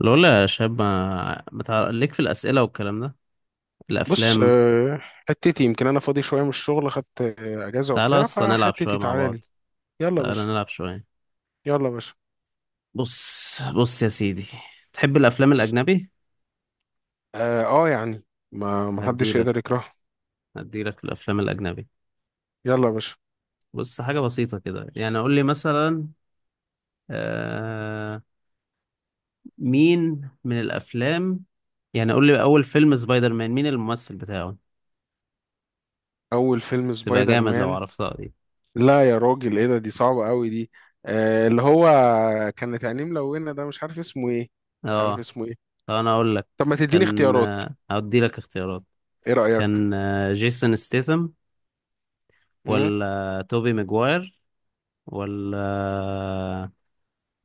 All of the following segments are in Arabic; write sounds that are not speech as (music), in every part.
لولا يا شاب، ما بتاع ليك في الأسئلة والكلام ده، بص، الأفلام. حتتي يمكن انا فاضي شويه من الشغل، خدت اجازه تعالى وبتاع، أصلا نلعب شوية فحتتي مع تعالى بعض. لي. يلا يا تعالى باشا. نلعب شوية. يلا يا باشا. بص بص يا سيدي، تحب الأفلام الأجنبي؟ اه، يعني ما حدش يقدر هديلك يكرهها. هديلك في الأفلام الأجنبي. يلا يا باشا. بص، حاجة بسيطة كده، يعني قول لي مثلا. آه... مين من الأفلام؟ يعني قول لي، أول فيلم سبايدر مان مين الممثل بتاعه؟ اول فيلم تبقى سبايدر جامد لو مان؟ عرفتها دي. لا يا راجل، ايه ده؟ دي صعبه قوي دي. اللي هو، كانت عينيه ملونه ده، مش عارف اسمه ايه. مش عارف اه، اسمه ايه. طب أنا أقول لك. طب ما تديني كان، اختيارات. هديلك اختيارات. ايه رايك؟ كان جيسون ستيثم، مم؟ ولا توبي ماجواير، ولا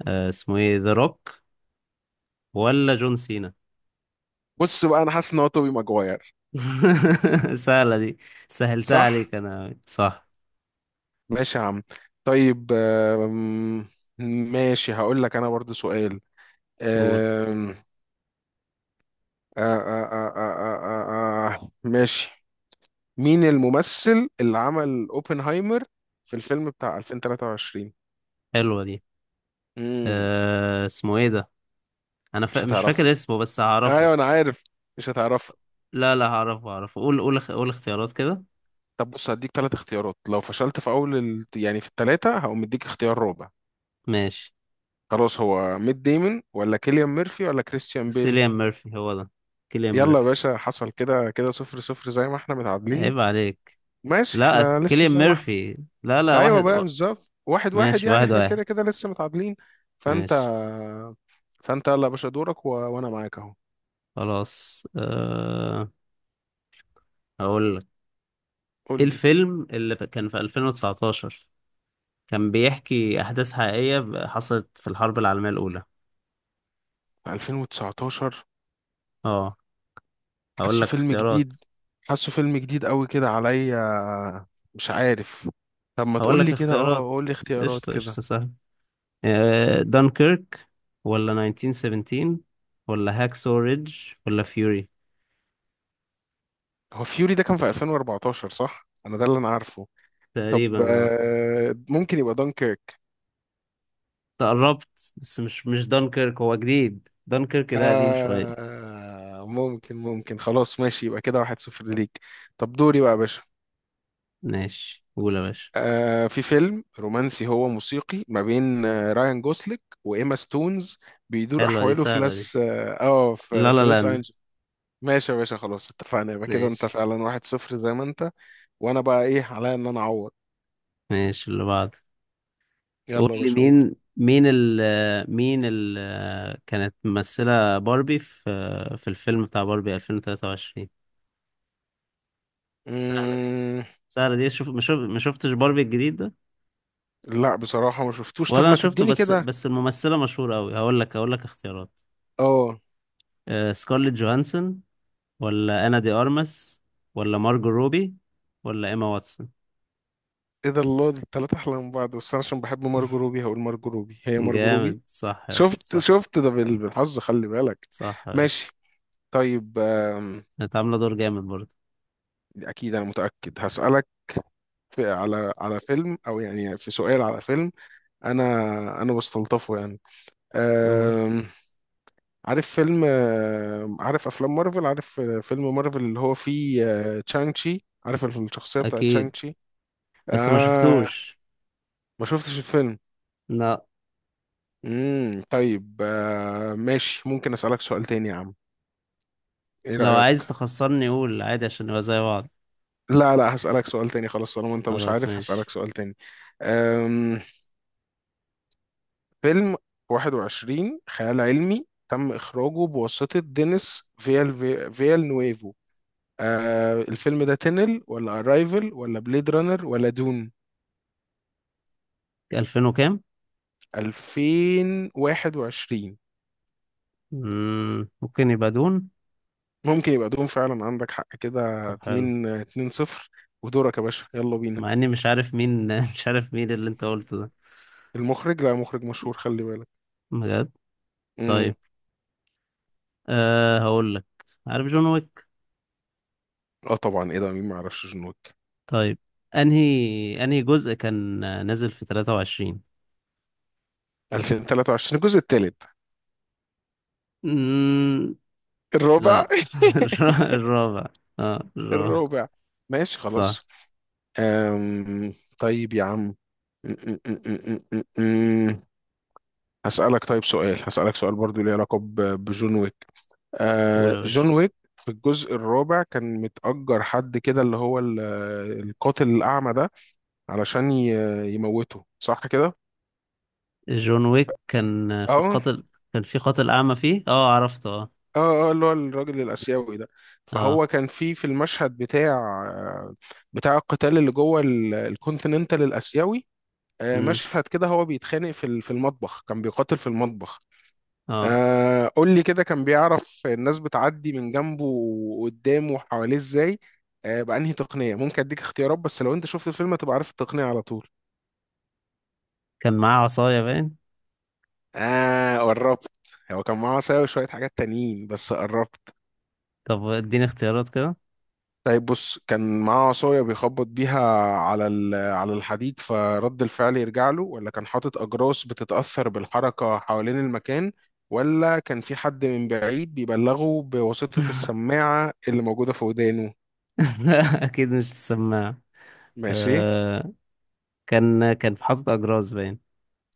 اسمه ايه، ذا روك، ولا جون سينا. بص بقى، انا حاسس ان هو توبي ماجواير. (laughs) سهلة دي، سهلتها صح. عليك انا أوي. صح. ماشي يا عم. طيب. ماشي، هقول لك انا برضو سؤال. قول. أم... ماشي. مين الممثل اللي عمل اوبنهايمر في الفيلم بتاع 2023؟ حلوة دي. امم. اسمه ايه ده؟ انا مش مش هتعرفه. فاكر اسمه بس هعرفه. ايوه، انا عارف. مش هتعرفه. لا، لا هعرفه، قول اختيارات كده. طب بص، هديك ثلاث اختيارات، لو فشلت في اول يعني في الثلاثه هقوم مديك اختيار رابع. ماشي. خلاص، هو ميت ديمون ولا كيليان ميرفي ولا كريستيان بيل؟ سيليان ميرفي هو ده. كيليان يلا يا ميرفي. باشا، حصل كده، كده صفر صفر زي ما احنا متعادلين. عيب عليك. ماشي، لا، احنا لسه كيليان زي ما احنا. ميرفي. لا لا، ايوه واحد بقى، و. بالظبط واحد واحد ماشي، يعني واحد احنا واحد. كده كده لسه متعادلين. فانت ماشي. فانت يلا يا باشا، دورك وانا معاك اهو. خلاص. هقول. قول ايه لي. الفيلم اللي كان في 2019، كان بيحكي احداث حقيقية حصلت في الحرب العالمية الاولى؟ 2019. اه، هقول حاسه لك فيلم اختيارات جديد. حاسه فيلم جديد قوي كده عليا. مش عارف. طب، ما هقول تقول لك لي كده، اختيارات قول لي اختيارات قشطة كده. قشطة، سهل. دانكيرك، ولا 1917، ولا هاكسو ريدج، ولا فيوري. هو فيوري ده كان في 2014، صح؟ انا ده اللي انا عارفه. تقريبا طب اه. ممكن يبقى دانكيرك. تقربت، بس مش دانكيرك، هو جديد، دانكيرك ده قديم شوية. ممكن. خلاص ماشي، يبقى كده واحد صفر ليك. طب دوري بقى يا باشا. ماشي، قول يا باشا. في فيلم رومانسي هو موسيقي ما بين رايان جوسليك وإيما ستونز. بيدور حلوة دي، أحواله في سهلة دي. لاس اه في, لا في لا لوس لاند. أنجلوس. ماشي يا باشا، خلاص اتفقنا، يبقى كده انت ماشي فعلا واحد صفر زي ما انت. وانا بقى ايه عليا؟ ان انا اعوض. ماشي، اللي بعده. قول يلا يا لي، باشا، اقول. مين كانت ممثلة باربي في الفيلم بتاع باربي 2023؟ سهلة دي، مم. سهلة دي. شوف، ما شفتش باربي الجديد ده. لا بصراحة، ما شفتوش. طب ولا انا ما شفته، تديني بس كده بس الممثلة مشهورة قوي. هقول لك اختيارات. اه سكارليت جوهانسون، ولا انا دي ارمس، ولا مارجو روبي، ولا ايما واتسون. ايه ده، الله! دي التلاتة احلى من بعض، بس انا عشان بحب مارجو (laughs) روبي هقول مارجو روبي. هي مارجو روبي. جامد، صح يا اسطى، شفت، صح. شفت ده بالحظ، خلي بالك. صح يا باشا. ماشي. طيب. كانت عاملة دور جامد برضه. اكيد انا متاكد، هسالك. في على فيلم، او يعني في سؤال على فيلم. انا انا بستلطفه يعني. أوه. أم... عارف فيلم عارف افلام مارفل، عارف فيلم مارفل اللي هو فيه، تشانج تشي، عارف الشخصيه بتاعت تشانج اكيد، تشي؟ بس ما اه. شفتوش. ما شفتش الفيلم. لا، طيب ماشي، ممكن اسالك سؤال تاني يا عم؟ ايه لو رايك؟ عايز تخسرني قول عادي عشان نبقى زي بعض. لا، لا، هسالك سؤال تاني. خلاص، طالما انت مش خلاص عارف هسالك ماشي. سؤال تاني. أم... فيلم 21 خيال علمي تم إخراجه بواسطة دينيس فيال، فيال نويفو. الفيلم ده تنل ولا أرايفل ولا بليد رانر ولا دون؟ ألفين وكام؟ 2021. ممكن يبقى دون. ممكن يبقى دون فعلا، عندك حق، كده طب حلو. 2 2 0. ودورك يا باشا، يلا بينا. مع إني مش عارف مين، (laughs) مش عارف مين اللي أنت قلته ده، المخرج، لا مخرج مشهور، خلي بالك. بجد. امم. طيب. هقول لك، عارف جون ويك؟ اه طبعا، ايه ده، مين ما يعرفش جون ويك؟ طيب، أنهي جزء كان نازل في 23؟ 2023 الجزء الثالث. مم، الرابع. لا. (laughs) (laughs) الر- الرابع. اه، الرابع. الرابع. ماشي صح. خلاص. أم... طيب يا عم، م- م- م- م- م. هسألك طيب سؤال، هسألك سؤال برضو ليه علاقة بجون ويك. قول يا باشا. جون ويك في الجزء الرابع كان متأجر حد كده اللي هو القاتل الأعمى ده، علشان يموته صح كده؟ جون ويك كان في اه، قاتل. كان في قاتل أعمى فيه، اه عرفته، اه. اه، اه، اللي هو الراجل الآسيوي ده. اه. فهو كان في المشهد بتاع، بتاع القتال اللي جوه الكونتيننتال الآسيوي. مم. مشهد كده هو بيتخانق في المطبخ، كان بيقاتل في المطبخ. اه. قول لي كده، كان بيعرف الناس بتعدي من جنبه وقدامه وحواليه ازاي؟ بأنهي تقنية؟ ممكن اديك اختيارات، بس لو انت شفت الفيلم هتبقى عارف التقنية على طول. كان معاه عصاية باين. اه، قربت. هو كان معاه عصاية وشوية حاجات تانيين، بس قربت. طب اديني اختيارات كده. طيب بص، كان معاه عصاية بيخبط بيها على على الحديد فرد الفعل يرجع له، ولا كان حاطط أجراس بتتأثر بالحركة حوالين المكان، ولا كان في حد من بعيد بيبلغه بواسطة السماعة اللي موجودة في ودانه؟ (laughs) اكيد مش السماعة. ماشي. آه، كان في حاطط اجراز باين.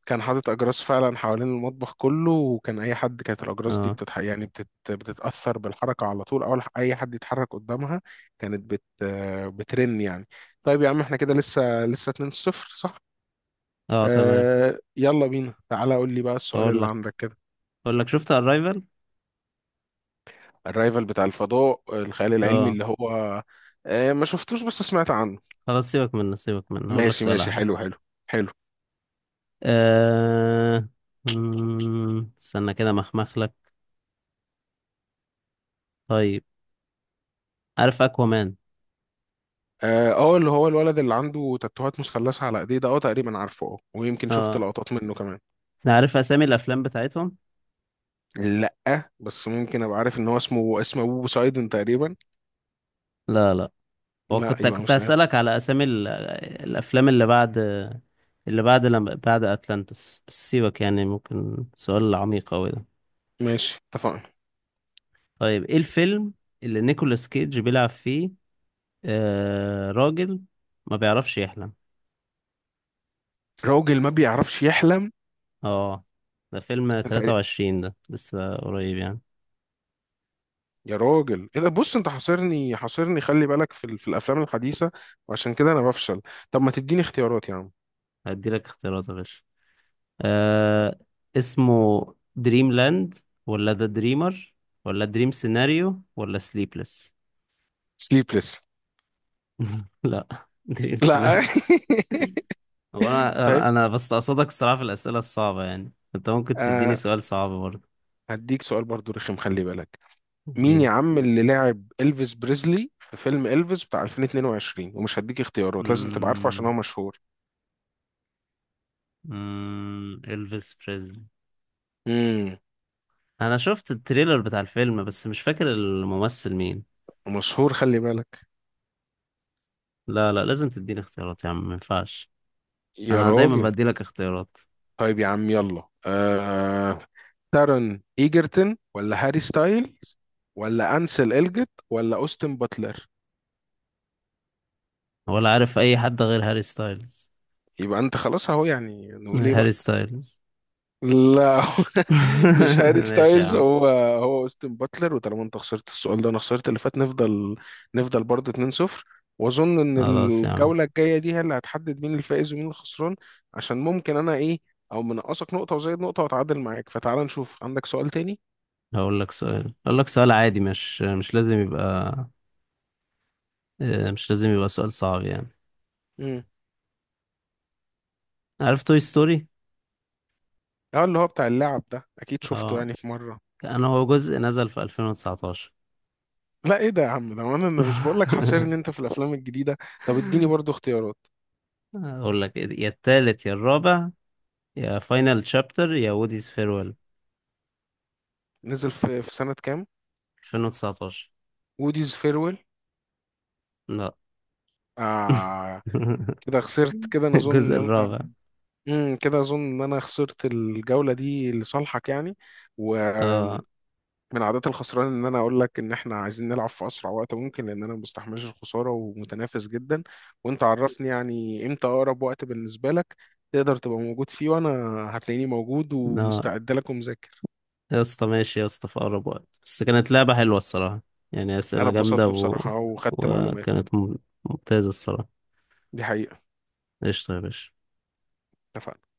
كان حاطط اجراس فعلا حوالين المطبخ كله، وكان اي حد، كانت الاجراس دي اه. يعني بتتاثر بالحركه على طول، اول اي حد يتحرك قدامها. كانت بت... آه، بترن يعني. طيب يا عم، احنا كده لسه لسه 2-0. صح. اه تمام. يلا بينا، تعالى قول لي بقى السؤال هقول اللي لك عندك كده. هقول لك شفت الرايفل. الرايفل بتاع الفضاء، الخيال العلمي اه. اللي هو؟ ما شفتوش بس سمعت عنه. خلاص، سيبك منه سيبك منه، هقول لك ماشي سؤال ماشي، احلى. حلو حلو. حلو. آه... استنى كده مخمخ لك. طيب، عارف اكوامان؟ اه، اللي هو الولد اللي عنده تاتوهات مثلثة على ايديه ده، تقريبا عارفه، ويمكن شفت اه. لقطات منه كمان. عارف اسامي الافلام بتاعتهم. لا بس ممكن ابقى عارف ان هو اسمه ابو بوسايدون تقريبا. لا، لا. هو لا، كنت يبقى كنت مش ده. هسألك على أسامي الأفلام اللي بعد، اللي بعد لما بعد أتلانتس، بس سيبك يعني ممكن سؤال عميق أوي ده. ماشي اتفقنا. طيب، إيه الفيلم اللي نيكولاس كيدج بيلعب فيه، راجل ما بيعرفش يحلم؟ راجل ما بيعرفش يحلم؟ اه، ده فيلم تقريبا. 23، ده لسه قريب يعني. يا راجل ايه ده، بص انت حاصرني حاصرني، خلي بالك في الافلام الحديثه، وعشان كده انا بفشل. طب ما تديني اختيارات يا عم. هديلك اختيارات يا باشا. آه، اسمه دريم لاند، ولا ذا دريمر، ولا دريم سيناريو، ولا سليبلس. سليبلس. (laughs) لا، دريم سيناريو. لا. هو (laughs) انا طيب انا أنا بس قصدك، الصراحه في الاسئله الصعبه يعني انت ممكن تديني آه سؤال صعب برضه. هديك سؤال برضو رخم، خلي بالك. مين يا اديني. عم اللي لعب إلفيس بريزلي في فيلم إلفيس بتاع 2022؟ ومش هديك اختيارات، لازم تبقى عارفه عشان هو امم مشهور. الفيس بريزلي. امم. انا شفت التريلر بتاع الفيلم، بس مش فاكر الممثل مين. مشهور، خلي بالك. لا لا، لازم تديني اختيارات يا عم، ما ينفعش. يا انا دايما راجل. بدي لك اختيارات. طيب يا عم، يلا تارون ايجرتون ولا هاري ستايلز، ولا انسل الجت ولا اوستن باتلر؟ ولا عارف اي حد غير هاري ستايلز. يبقى انت خلاص اهو، يعني نقول ايه هاري بقى؟ ستايلز. لا. (laughs) مش (laughs) هاري ماشي يا ستايلز عم. هو. هو اوستن باتلر، وطالما انت خسرت السؤال ده وانا خسرت اللي فات، نفضل. نفضل برضه 2-0. واظن ان خلاص يا عم. الجوله الجايه دي هي اللي هتحدد مين الفائز ومين الخسران. عشان ممكن انا ايه، او منقصك نقطه وزيد نقطه واتعادل معاك. فتعال نشوف عندك سؤال تاني. هقول لك سؤال عادي، مش لازم يبقى، مش لازم يبقى سؤال صعب يعني. مم. عارف توي ستوري؟ اه، اللي هو بتاع اللعب ده، اكيد شفته اه، يعني في مره. انا، هو جزء نزل في 2019. لا ايه ده يا عم؟ ده وانا انا مش بقول لك حاصرني انت (laughs) في الافلام الجديده. طب اديني برضو اختيارات. اقول لك إيه، يا التالت يا الرابع، يا فاينل شابتر يا ووديز فيرويل. نزل في سنه كام؟ 2019. ووديز فيرويل. لا. آه. (laughs) كده خسرت، كده انا اظن الجزء ان انا، الرابع. كده اظن ان انا خسرت الجوله دي لصالحك يعني. و، اه. من عادات الخسران ان انا اقول لك ان احنا عايزين نلعب في اسرع وقت ممكن، لان انا ما بستحملش الخساره ومتنافس جدا. وانت عرفني يعني امتى اقرب وقت بالنسبه لك، تقدر تبقى موجود فيه، وانا هتلاقيني موجود لا ومستعد لك ومذاكر. يا اسطى، ماشي يا اسطى، في اقرب وقت، بس كانت لعبة حلوة الصراحة، يعني انا اسئلة جامدة اتبسطت و. بصراحه وخدت معلومات. وكانت ممتازة الصراحة. دي حقيقه. قشطة يا باشا. اتفقنا.